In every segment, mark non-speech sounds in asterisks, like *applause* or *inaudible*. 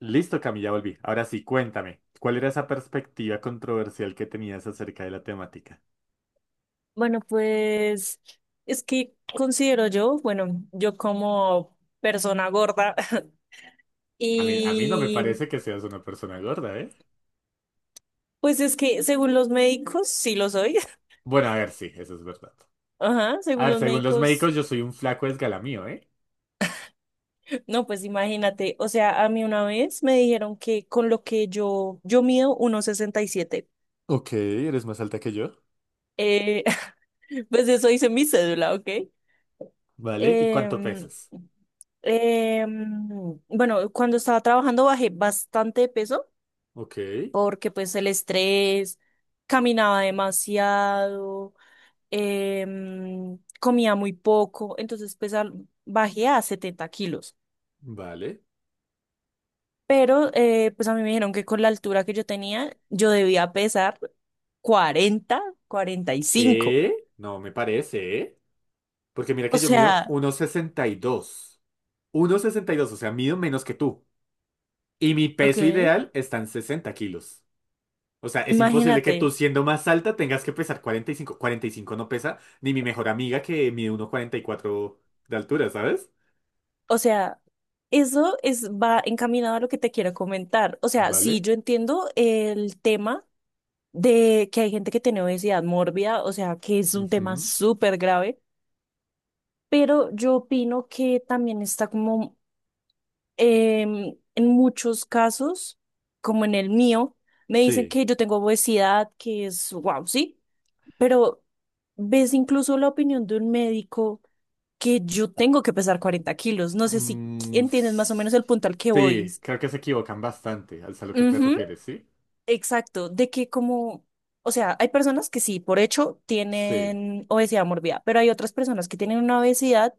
Listo, Cami, ya volví. Ahora sí, cuéntame, ¿cuál era esa perspectiva controversial que tenías acerca de la temática? Bueno, pues es que considero yo, bueno, yo como persona gorda *laughs* A mí no me y parece que seas una persona gorda, ¿eh? pues es que según los médicos, sí lo soy. Bueno, a ver, sí, eso es verdad. *laughs* Ajá, A según ver, los según los médicos. médicos, yo soy un flaco esgalamío, ¿eh? No, pues imagínate, o sea, a mí una vez me dijeron que con lo que yo mido 1,67. Ok, eres más alta que yo. eh, *laughs* pues eso dice mi cédula, ¿ok? ¿Vale? ¿Y cuánto Em, pesas? Bueno, cuando estaba trabajando bajé bastante de peso Ok, porque pues el estrés, caminaba demasiado, comía muy poco, entonces pues bajé a 70 kilos. vale. Pero pues a mí me dijeron que con la altura que yo tenía, yo debía pesar cuarenta 45. ¿Qué? No me parece, ¿eh? Porque mira O que yo mido sea, 1,62. 1,62, o sea, mido menos que tú. Y mi ok, peso ideal está en 60 kilos. O sea, es imposible que imagínate, tú siendo más alta tengas que pesar 40 cuarenta y cinco. 45 no pesa ni mi mejor amiga que mide 1,44 de altura, ¿sabes? o sea, eso es, va encaminado a lo que te quiero comentar. O sea, sí, ¿Vale? yo entiendo el tema de que hay gente que tiene obesidad mórbida, o sea, que es un tema Ujú. súper grave, pero yo opino que también está como en muchos casos, como en el mío, me dicen Sí. que yo tengo obesidad, que es wow, sí, pero ves incluso la opinión de un médico que yo tengo que pesar 40 kilos, no sé si Mm, entiendes más o menos el punto al que voy. sí, creo que se equivocan bastante al a lo que te Ujú. refieres, ¿sí? Exacto, de que como, o sea, hay personas que sí, por hecho, Sí, tienen obesidad mórbida, pero hay otras personas que tienen una obesidad,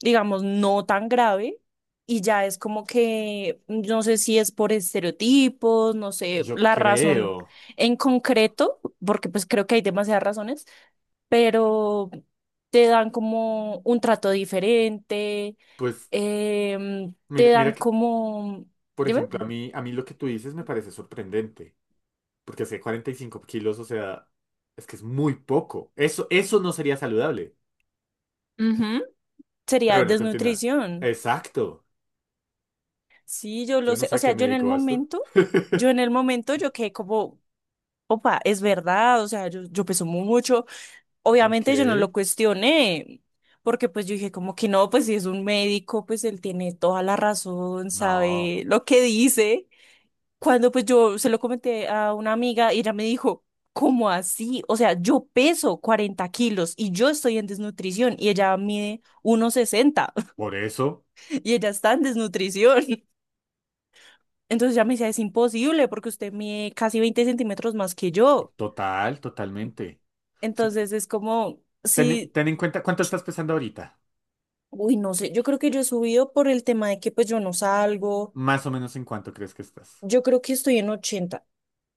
digamos, no tan grave y ya es como que, yo no sé si es por estereotipos, no sé, yo la razón creo. en concreto, porque pues creo que hay demasiadas razones, pero te dan como un trato diferente, Pues te mira, dan mira que, como, por dime. ejemplo, a mí lo que tú dices me parece sorprendente, porque hace 45 kilos, o sea, es que es muy poco. Eso no sería saludable. Ujú. Pero Sería bueno, continúa. desnutrición. Exacto. Sí, yo Yo lo no sé. sé O a qué sea, me yo en el dedico esto. momento, yo en el momento, yo quedé como, opa, es verdad, o sea, yo peso mucho. Ok. Obviamente yo no lo cuestioné, porque pues yo dije como que no, pues si es un médico, pues él tiene toda la razón, No, sabe lo que dice. Cuando pues yo se lo comenté a una amiga y ella me dijo, ¿cómo así? O sea, yo peso 40 kilos y yo estoy en desnutrición y ella mide 1,60. por eso. *laughs* Y ella está en desnutrición. Entonces ya me decía, es imposible porque usted mide casi 20 centímetros más que yo. Total, totalmente. O sea, Entonces es como, ten, sí, ten en cuenta cuánto estás pesando ahorita. uy, no sé, yo creo que yo he subido por el tema de que pues yo no salgo, Más o menos en cuánto crees que estás. yo creo que estoy en 80.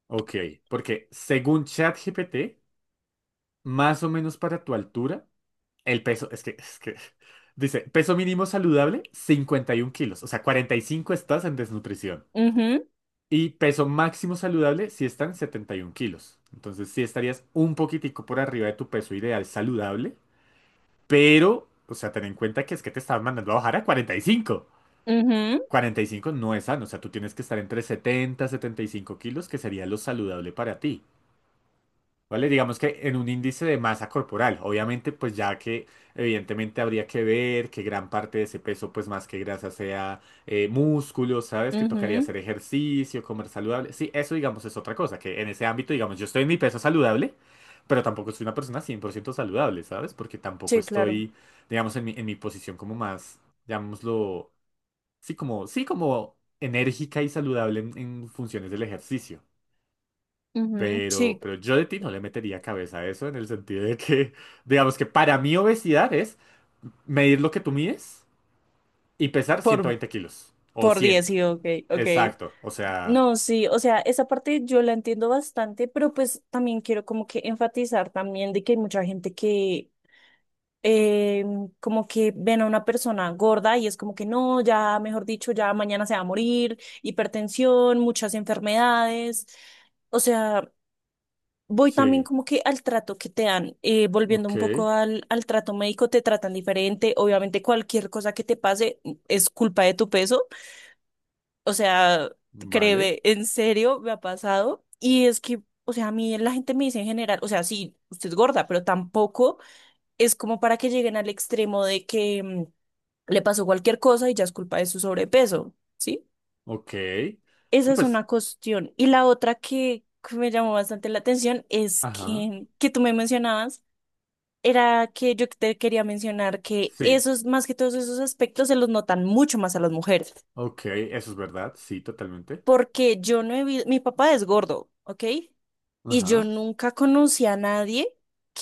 Ok, porque según ChatGPT, más o menos para tu altura, el peso, es que, *laughs* dice, peso mínimo saludable, 51 kilos. O sea, 45 estás en desnutrición. Ujú, Y peso máximo saludable si están 71 kilos. Entonces sí estarías un poquitico por arriba de tu peso ideal saludable, pero, o sea, ten en cuenta que es que te estaban mandando a bajar a 45. ujú, 45 no es sano, o sea, tú tienes que estar entre 70 y 75 kilos, que sería lo saludable para ti. ¿Vale? Digamos que en un índice de masa corporal, obviamente pues ya que evidentemente habría que ver que gran parte de ese peso pues más que grasa sea músculo, ¿sabes? Que tocaría ujú. hacer ejercicio, comer saludable. Sí, eso digamos es otra cosa, que en ese ámbito digamos yo estoy en mi peso saludable, pero tampoco soy una persona 100% saludable, ¿sabes? Porque tampoco Sí, claro. estoy digamos en mi posición como más, llamémoslo, sí como enérgica y saludable en funciones del ejercicio. Ujú. Pero, Sí, pero yo de ti no le metería cabeza a eso en el sentido de que, *laughs* digamos que para mí obesidad es medir lo que tú mides y pesar ciento por, veinte kilos o por 100. 10 sí, ok, ok. Exacto, o sea, No, sí, o sea, esa parte yo la entiendo bastante, pero pues también quiero como que enfatizar también de que hay mucha gente que eh, como que ven a una persona gorda y es como que no, ya, mejor dicho, ya mañana se va a morir, hipertensión, muchas enfermedades. O sea, voy también sí, como que al trato que te dan, volviendo ok, un poco al, al trato médico, te tratan diferente. Obviamente cualquier cosa que te pase es culpa de tu peso. O sea, vale, créeme, en serio, me ha pasado. Y es que, o sea, a mí la gente me dice en general, o sea, sí, usted es gorda, pero tampoco es como para que lleguen al extremo de que le pasó cualquier cosa y ya es culpa de su sobrepeso, ¿sí? ok. Sí, Esa es pues, una cuestión. Y la otra que me llamó bastante la atención es ajá, que tú me mencionabas, era que yo te quería mencionar que sí, esos, más que todos esos aspectos, se los notan mucho más a las mujeres, ok, eso es verdad, sí, totalmente. porque yo no he visto, mi papá es gordo, ¿ok? Y yo Ajá, nunca conocí a nadie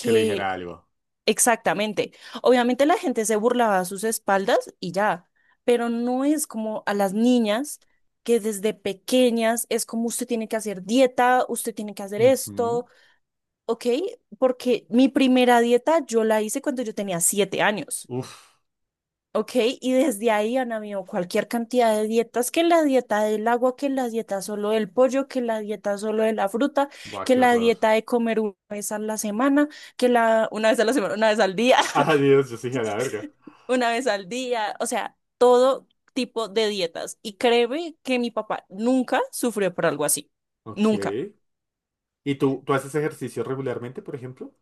que le dijera algo. Exactamente. Obviamente la gente se burlaba a sus espaldas y ya, pero no es como a las niñas que desde pequeñas es como usted tiene que hacer dieta, usted tiene que hacer esto, Ujú. ¿ok? Porque mi primera dieta yo la hice cuando yo tenía 7 años, Uf, ¿ok? Y desde ahí han habido cualquier cantidad de dietas, que la dieta del agua, que la dieta solo del pollo, que la dieta solo de la fruta, guau, que qué la horror. dieta de comer una vez a la semana, que la una vez a la semana, una vez al día, *laughs* Adiós, yo sí dije a la verga. una vez al día, o sea, todo tipo de dietas. Y créeme que mi papá nunca sufrió por algo así. Ok. Nunca. ¿Y tú haces ejercicio regularmente, por ejemplo?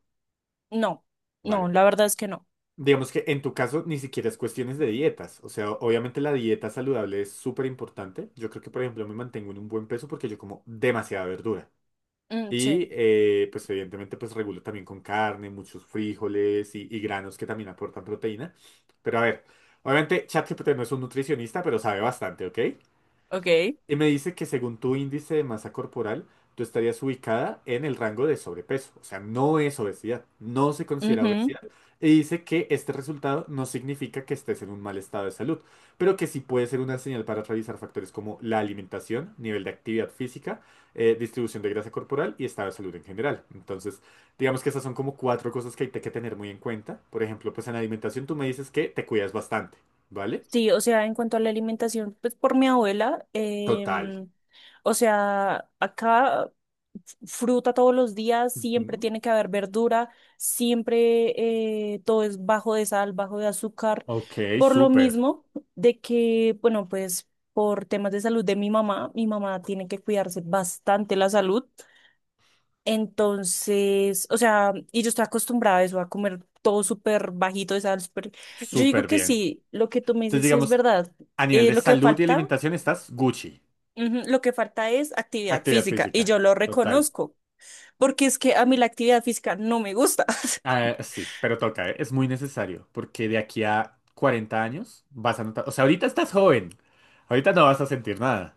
No, no, Vale. la verdad es que no. Digamos que en tu caso ni siquiera es cuestiones de dietas. O sea, obviamente la dieta saludable es súper importante. Yo creo que, por ejemplo, me mantengo en un buen peso porque yo como demasiada verdura. Mm, Y sí. Pues evidentemente pues regulo también con carne, muchos frijoles y granos que también aportan proteína. Pero a ver, obviamente ChatGPT no es un nutricionista, pero sabe bastante, ¿ok? Ok. Y me dice que según tu índice de masa corporal, tú estarías ubicada en el rango de sobrepeso. O sea, no es obesidad, no se considera obesidad. Y dice que este resultado no significa que estés en un mal estado de salud, pero que sí puede ser una señal para revisar factores como la alimentación, nivel de actividad física, distribución de grasa corporal y estado de salud en general. Entonces, digamos que esas son como cuatro cosas que hay que tener muy en cuenta. Por ejemplo, pues en alimentación tú me dices que te cuidas bastante, ¿vale? Sí, o sea, en cuanto a la alimentación, pues por mi abuela, Total. O sea, acá fruta todos los días, siempre Ujú. tiene que haber verdura, siempre todo es bajo de sal, bajo de azúcar, Ok, por lo súper. mismo de que, bueno, pues por temas de salud de mi mamá tiene que cuidarse bastante la salud. Entonces, o sea, y yo estoy acostumbrada a eso, a comer todo súper bajito de sal, súper... Yo digo Súper que bien. sí, lo que tú me Entonces, dices es digamos, verdad. a nivel de Lo que salud y falta, alimentación estás Gucci. ujú, lo que falta es actividad Actividad física y física. yo lo Total. reconozco, porque es que a mí la actividad física no me gusta. *laughs* Ah, sí, pero toca, ¿eh? Es muy necesario porque de aquí a 40 años vas a notar, o sea, ahorita estás joven, ahorita no vas a sentir nada,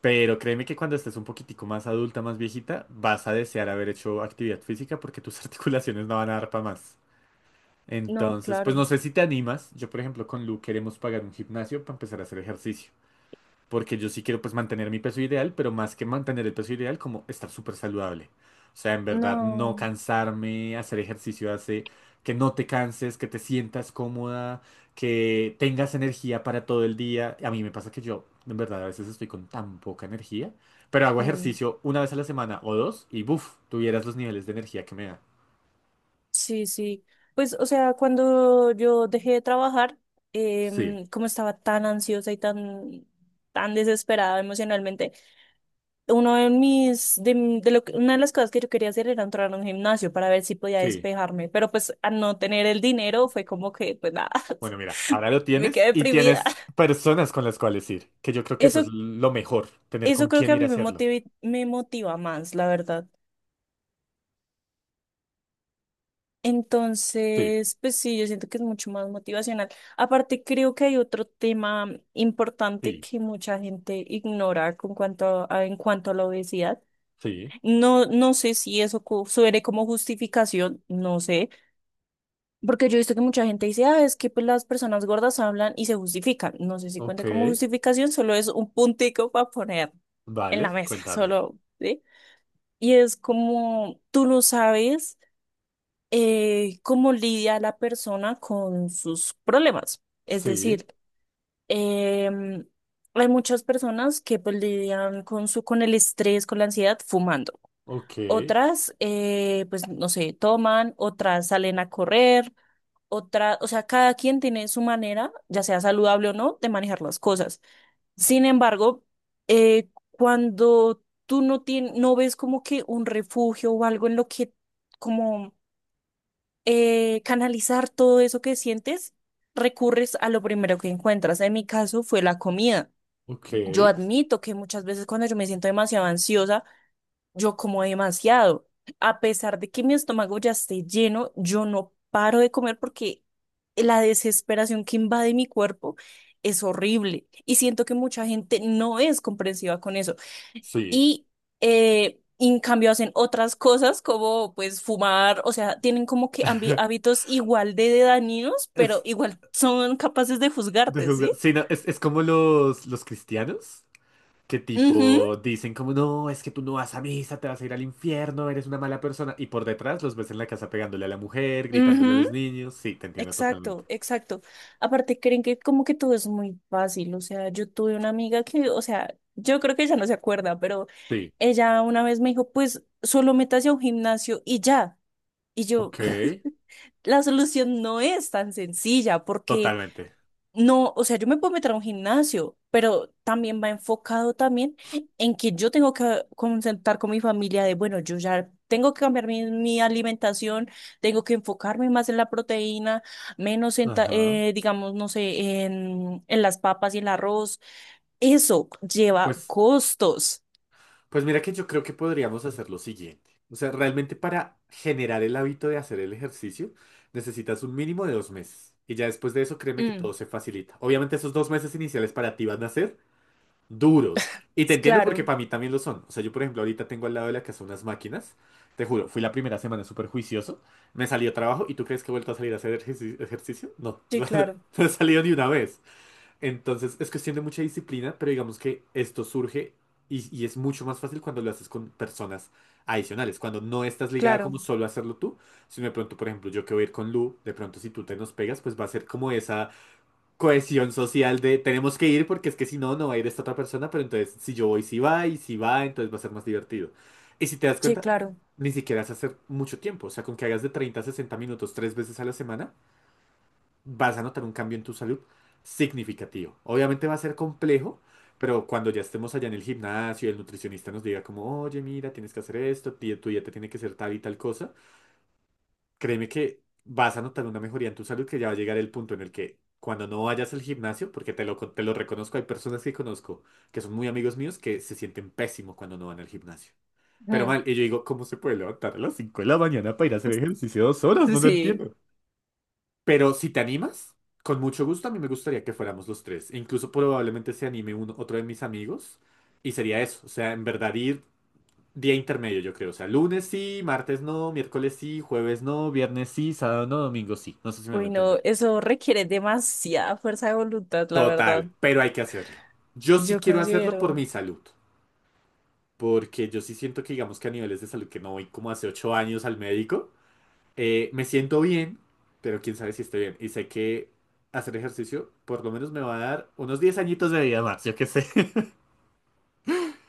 pero créeme que cuando estés un poquitico más adulta, más viejita, vas a desear haber hecho actividad física porque tus *laughs* articulaciones no van a dar para más. No, Entonces, pues claro, no sé si te animas, yo por ejemplo con Lu queremos pagar un gimnasio para empezar a hacer ejercicio. Porque yo sí quiero pues mantener mi peso ideal, pero más que mantener el peso ideal, como estar súper saludable. O sea, en verdad, no no. cansarme, hacer ejercicio hace que no te canses, que te sientas cómoda, que tengas energía para todo el día. A mí me pasa que yo, en verdad, a veces estoy con tan poca energía, pero hago Mm. ejercicio una vez a la semana o dos y buf, tuvieras los niveles de energía que me da. Sí, sí. Pues, o sea, cuando yo dejé de trabajar, Sí, como estaba tan ansiosa y tan desesperada emocionalmente, uno de mis, de lo que- una de las cosas que yo quería hacer era entrar a un gimnasio para ver si podía sí. despejarme, pero pues al no tener el dinero fue como que, pues nada, Bueno, mira, *laughs* ahora lo me tienes quedé y deprimida. tienes personas con las cuales ir, que yo creo que eso es Eso, lo mejor, tener eso con creo quién que a ir a mí hacerlo. Me motiva más, la verdad. Sí, Entonces, pues sí, yo siento que es mucho más motivacional. Aparte, creo que hay otro tema importante sí, que mucha gente ignora en cuanto a la obesidad. sí. No, no sé si eso suene como justificación, no sé. Porque yo he visto que mucha gente dice, ah, es que pues, las personas gordas hablan y se justifican. No sé si Ok, cuenta como justificación, solo es un puntico para poner en la vale, mesa, cuéntame. solo, ¿sí? Y es como tú no sabes cómo lidia la persona con sus problemas. Es Sí, decir, em, hay muchas personas que pues lidian con su, con el estrés, con la ansiedad, fumando. ok, Otras, pues no sé, toman, otras salen a correr, otra, o sea, cada quien tiene su manera, ya sea saludable o no, de manejar las cosas. Sin embargo, cuando tú no ves como que un refugio o algo en lo que como canalizar todo eso que sientes, recurres a lo primero que encuentras. En mi caso fue la comida. ok, Yo admito que muchas veces cuando yo me siento demasiado ansiosa, yo como demasiado. A pesar de que mi estómago ya esté lleno, yo no paro de comer porque la desesperación que invade mi cuerpo es horrible. Y siento que mucha gente no es comprensiva con eso. sí. Y en cambio hacen otras cosas como pues fumar, o sea, tienen como que *laughs* hábitos igual de dañinos, pero Es, igual son capaces de juzgarte, ¿sí? Sí, no, es como los cristianos que Ujú, tipo dicen como no, es que tú no vas a misa, te vas a ir al infierno, eres una mala persona. Y por detrás los ves en la casa pegándole a la mujer, gritándole a los ujú. niños. Sí, te entiendo totalmente. Exacto, exacto. Aparte, creen que como que todo es muy fácil. O sea, yo tuve una amiga que, o sea, yo creo que ella no se acuerda, pero Sí, ella una vez me dijo, pues solo métase a un gimnasio y ya. Y yo, ok, *laughs* la solución no es tan sencilla porque totalmente. no, o sea, yo me puedo meter a un gimnasio, pero también va enfocado también en que yo tengo que concentrar con mi familia de, bueno, yo ya tengo que cambiar mi, mi alimentación, tengo que enfocarme más en la proteína, menos en, Ajá. Digamos, no sé, en las papas y el arroz. Eso lleva Pues. costos. Pues mira que yo creo que podríamos hacer lo siguiente. O sea, realmente para generar el hábito de hacer el ejercicio, necesitas un mínimo de 2 meses. Y ya después de eso, créeme que todo Mm, se facilita. Obviamente esos 2 meses iniciales para ti van a ser duros. Y te entiendo porque claro, para mí también lo son. O sea, yo por ejemplo ahorita tengo al lado de la casa unas máquinas. Te juro, fui la primera semana súper juicioso. Me salió trabajo y ¿tú crees que he vuelto a salir a hacer ejercicio? No, *laughs* sí, O sea, no, claro, no he salido ni una vez. Entonces es cuestión de mucha disciplina, pero digamos que esto surge y es mucho más fácil cuando lo haces con personas adicionales, cuando no estás ligada claro, como solo a hacerlo tú, sino de pronto, por ejemplo, yo que voy a ir con Lu, de pronto si tú te nos pegas, pues va a ser como esa cohesión social de tenemos que ir porque es que si no, no va a ir esta otra persona, pero entonces si yo voy, si va, y si va, entonces va a ser más divertido. Y si te das sí, cuenta, claro. ni siquiera es hacer mucho tiempo, o sea, con que hagas de 30 a 60 minutos 3 veces a la semana vas a notar un cambio en tu salud significativo. Obviamente va a ser complejo, pero cuando ya estemos allá en el gimnasio y el nutricionista nos diga como, oye, mira, tienes que hacer esto, tu dieta tiene que ser tal y tal cosa, créeme que vas a notar una mejoría en tu salud que ya va a llegar el punto en el que cuando no vayas al gimnasio, porque te lo reconozco, hay personas que conozco que son muy amigos míos que se sienten pésimo cuando no van al gimnasio. Pero Mm. mal, y yo digo, ¿cómo se puede levantar a las 5 de la mañana para ir a hacer ejercicio 2 horas? *laughs* No lo Sí. entiendo. Pero si te animas, con mucho gusto, a mí me gustaría que fuéramos los tres. E incluso probablemente se anime uno, otro de mis amigos. Y sería eso. O sea, en verdad ir día intermedio, yo creo. O sea, lunes sí, martes no, miércoles sí, jueves no, viernes sí, sábado no, domingo sí. No sé si me va a entender. Bueno, eso requiere demasiada fuerza de voluntad, la verdad. Total, pero hay que hacerlo. Yo sí Yo quiero hacerlo por considero, mi salud. Porque yo sí siento que, digamos que a niveles de salud que no voy como hace 8 años al médico. Me siento bien, pero quién sabe si estoy bien. Y sé que hacer ejercicio por lo menos me va a dar unos 10 añitos de vida más, yo qué sé. *laughs*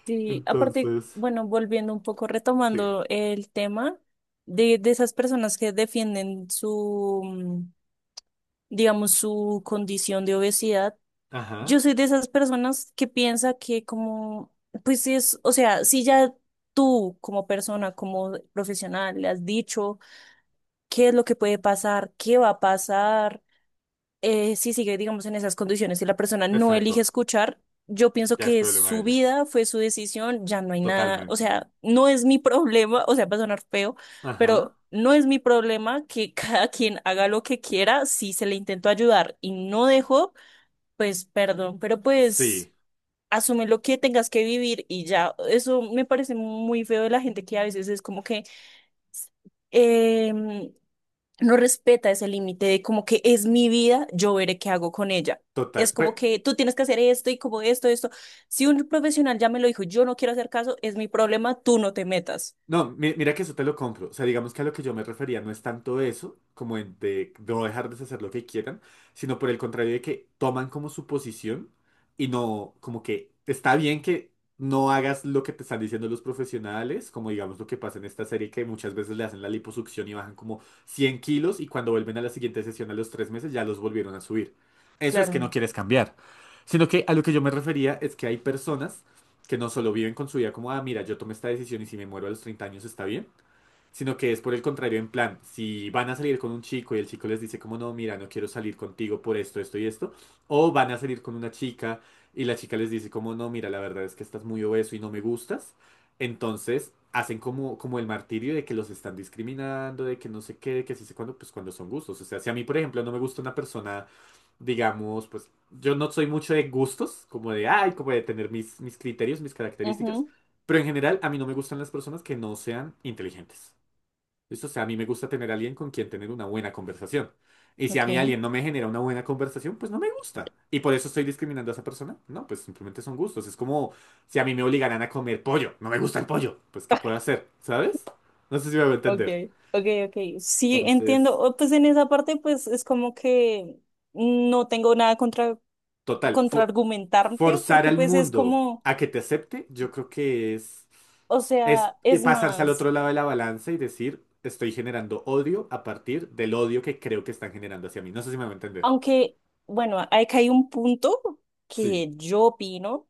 sí, aparte, Entonces, bueno, volviendo un poco, sí. retomando el tema de esas personas que defienden su, digamos, su condición de obesidad, Ajá, yo soy de esas personas que piensa que como, pues sí es, o sea, si ya tú como persona, como profesional, le has dicho qué es lo que puede pasar, qué va a pasar si sigue, digamos, en esas condiciones y la persona no elige exacto. escuchar, yo pienso Ya es que es problema de su ella. vida, fue su decisión, ya no hay nada, o Totalmente. sea, no es mi *laughs* problema, o sea, va a sonar feo, Ajá, pero no es mi problema que *laughs* cada quien haga lo que quiera, si se le intentó ayudar y no dejó, pues perdón, pero pues sí, asume lo que tengas que vivir y ya. Eso me parece muy feo de la gente que a veces es como que... em, no respeta ese límite de como que es mi vida, yo veré qué hago con ella. total. Es Pues. como que tú tienes que hacer esto y como esto, esto. Si un profesional ya me lo dijo, yo no quiero hacer caso, es mi problema, tú no te metas. No, mira, que eso te lo compro. O sea, digamos que a lo que yo me refería no es tanto eso, como en de no dejarles hacer lo que quieran, sino por el contrario de que toman como su posición y no, como que está bien que no hagas lo que te están diciendo los profesionales, como digamos lo que pasa en esta serie que muchas veces le hacen la liposucción y bajan como 100 kilos y cuando vuelven a la siguiente sesión a los 3 meses ya los volvieron a subir. Eso es que no Claro. quieres cambiar. Sino que a lo que yo me refería es que hay personas que no solo viven con su vida como, ah, mira, yo tomé esta decisión y si me muero a los 30 años está bien, sino que es por el contrario, en plan, si van a salir con un chico y el chico les dice como, no, mira, no quiero salir contigo por esto, esto y esto, o van a salir con una chica y la chica les dice como, no, mira, la verdad es que estás muy obeso y no me gustas, entonces hacen como, como el martirio de que los están discriminando, de que no sé qué, de que sí sé cuándo, pues cuando son gustos. O sea, si a mí, por ejemplo, no me gusta una persona digamos, pues yo no soy mucho de gustos, como de, ay, como de tener mis criterios, mis características, Ujú, pero en general a mí no me gustan las personas que no sean inteligentes. ¿Listo? O sea, a mí me gusta tener a alguien con quien tener una buena conversación. Y si a mí ok. alguien no me genera una buena conversación, pues no me gusta. ¿Y por eso estoy discriminando a esa persona? No, pues simplemente son gustos. Es como si a mí me obligaran a comer pollo. No me gusta el pollo. Pues, ¿qué puedo *laughs* hacer? ¿Sabes? No sé si me voy a Ok, entender. ok, ok. Sí, entiendo. Entonces, Pues en esa parte, pues es como que no tengo nada contra total, contraargumentarte, forzar porque al pues es mundo como, a que te acepte, yo creo que o es sea, y es pasarse al más, otro lado de la balanza y decir, estoy generando odio a partir del odio que creo que están generando hacia mí. No sé si me va a entender. aunque, bueno, hay un punto Sí. que yo opino.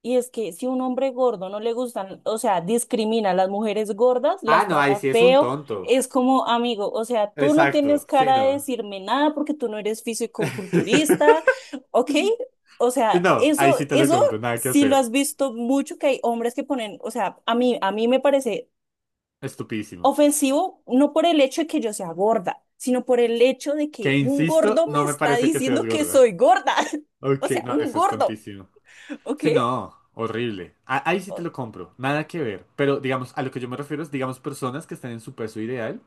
Y es que si un hombre gordo no le gustan, o sea, discrimina a las mujeres gordas, Ah, las no, ahí trata sí es un feo, tonto. es como amigo, o sea, tú no Exacto, tienes sí, cara de no. decirme nada porque tú no eres *laughs* fisicoculturista, ¿ok? O sea, No, ahí eso, sí te lo eso compro, nada que sí lo hacer. has visto mucho, que hay hombres que ponen, o sea, a mí me parece Estupidísimo. ofensivo no por el hecho de que yo sea gorda, sino por el hecho de Que que un insisto, gordo me no me está parece que seas diciendo que gorda. soy gorda, *laughs* o Ok, sea, no, un eso es gordo, tontísimo. ¿ok? Sí, no, horrible. Ahí sí te O... lo compro, nada que ver. Pero digamos, a lo que yo me refiero es, digamos, personas que están en su peso ideal.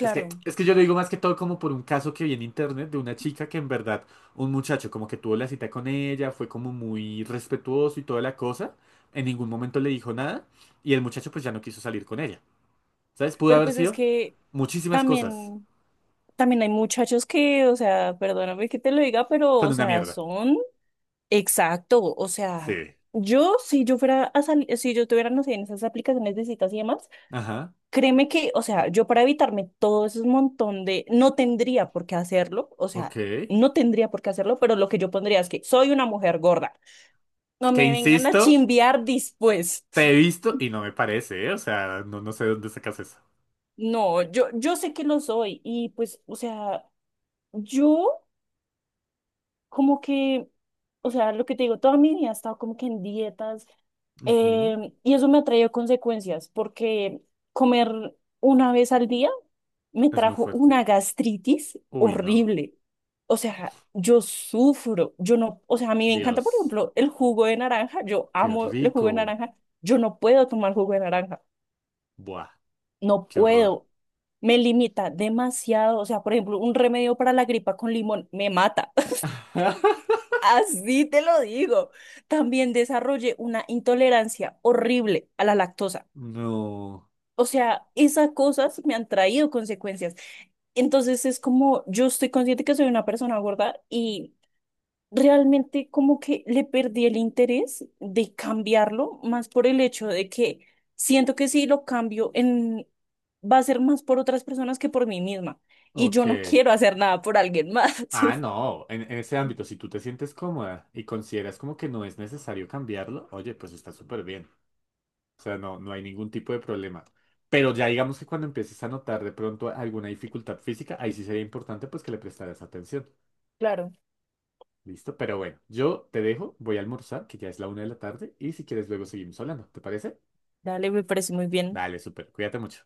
Es que, es que yo lo digo más que todo como por un caso que vi en internet de una chica que en verdad, un muchacho como que tuvo la cita con ella, fue como muy respetuoso y toda la cosa, en ningún momento le dijo nada y el muchacho pues ya no quiso salir con ella. ¿Sabes? Pudo Pero haber pues es sido que muchísimas cosas. también, también hay muchachos que, o sea, perdóname que te lo diga, pero, Son o una sea, mierda. son... Exacto. O sea, Sí. yo, si yo fuera a salir, si yo tuviera, no sé, en esas aplicaciones de citas y demás, Ajá, créeme que, o sea, yo para evitarme todo ese montón de, no tendría por qué hacerlo, o ok. sea, no tendría por qué hacerlo, pero lo que yo pondría es que soy una mujer gorda. No Que me vengan a insisto, chimbear después. te *laughs* he visto y no me parece, ¿eh? O sea, no, no sé de dónde sacas eso. No, yo sé que lo soy y pues, o sea, yo... Como que, o sea, lo que te digo, toda mi vida he estado como que en dietas, Ujú, y eso me ha traído consecuencias porque comer una vez al día me es muy trajo fuerte. una gastritis Uy, no. horrible. O sea, yo sufro, yo no, o sea, a mí me encanta, por Dios, ejemplo, el jugo de naranja, yo qué amo el jugo de rico. naranja, yo no puedo tomar jugo de naranja, Buah, no qué horror. puedo, me limita demasiado, o sea, por ejemplo, un remedio para la gripa con limón me mata. *laughs* Así te lo digo. También desarrollé una intolerancia horrible a la lactosa. No. O sea, esas cosas me han traído consecuencias. Entonces es como yo estoy consciente que soy una persona gorda y realmente como que le perdí el interés de cambiarlo, más por el hecho de que siento que si lo cambio en va a ser más por otras personas que por mí misma y yo Ok. no *laughs* quiero hacer nada por alguien más. *laughs* Ah, no. En ese ámbito, si tú te sientes cómoda y consideras como que no es necesario cambiarlo, oye, pues está súper bien. O sea, no, no hay ningún tipo de problema. Pero ya digamos que cuando empieces a notar de pronto alguna dificultad física, ahí sí sería importante pues que le prestaras atención. Claro, ¿Listo? Pero bueno, yo te dejo, voy a almorzar, que ya es la una de la tarde, y si quieres luego seguimos hablando. ¿Te parece? dale, me parece muy bien. Dale, súper. Cuídate mucho.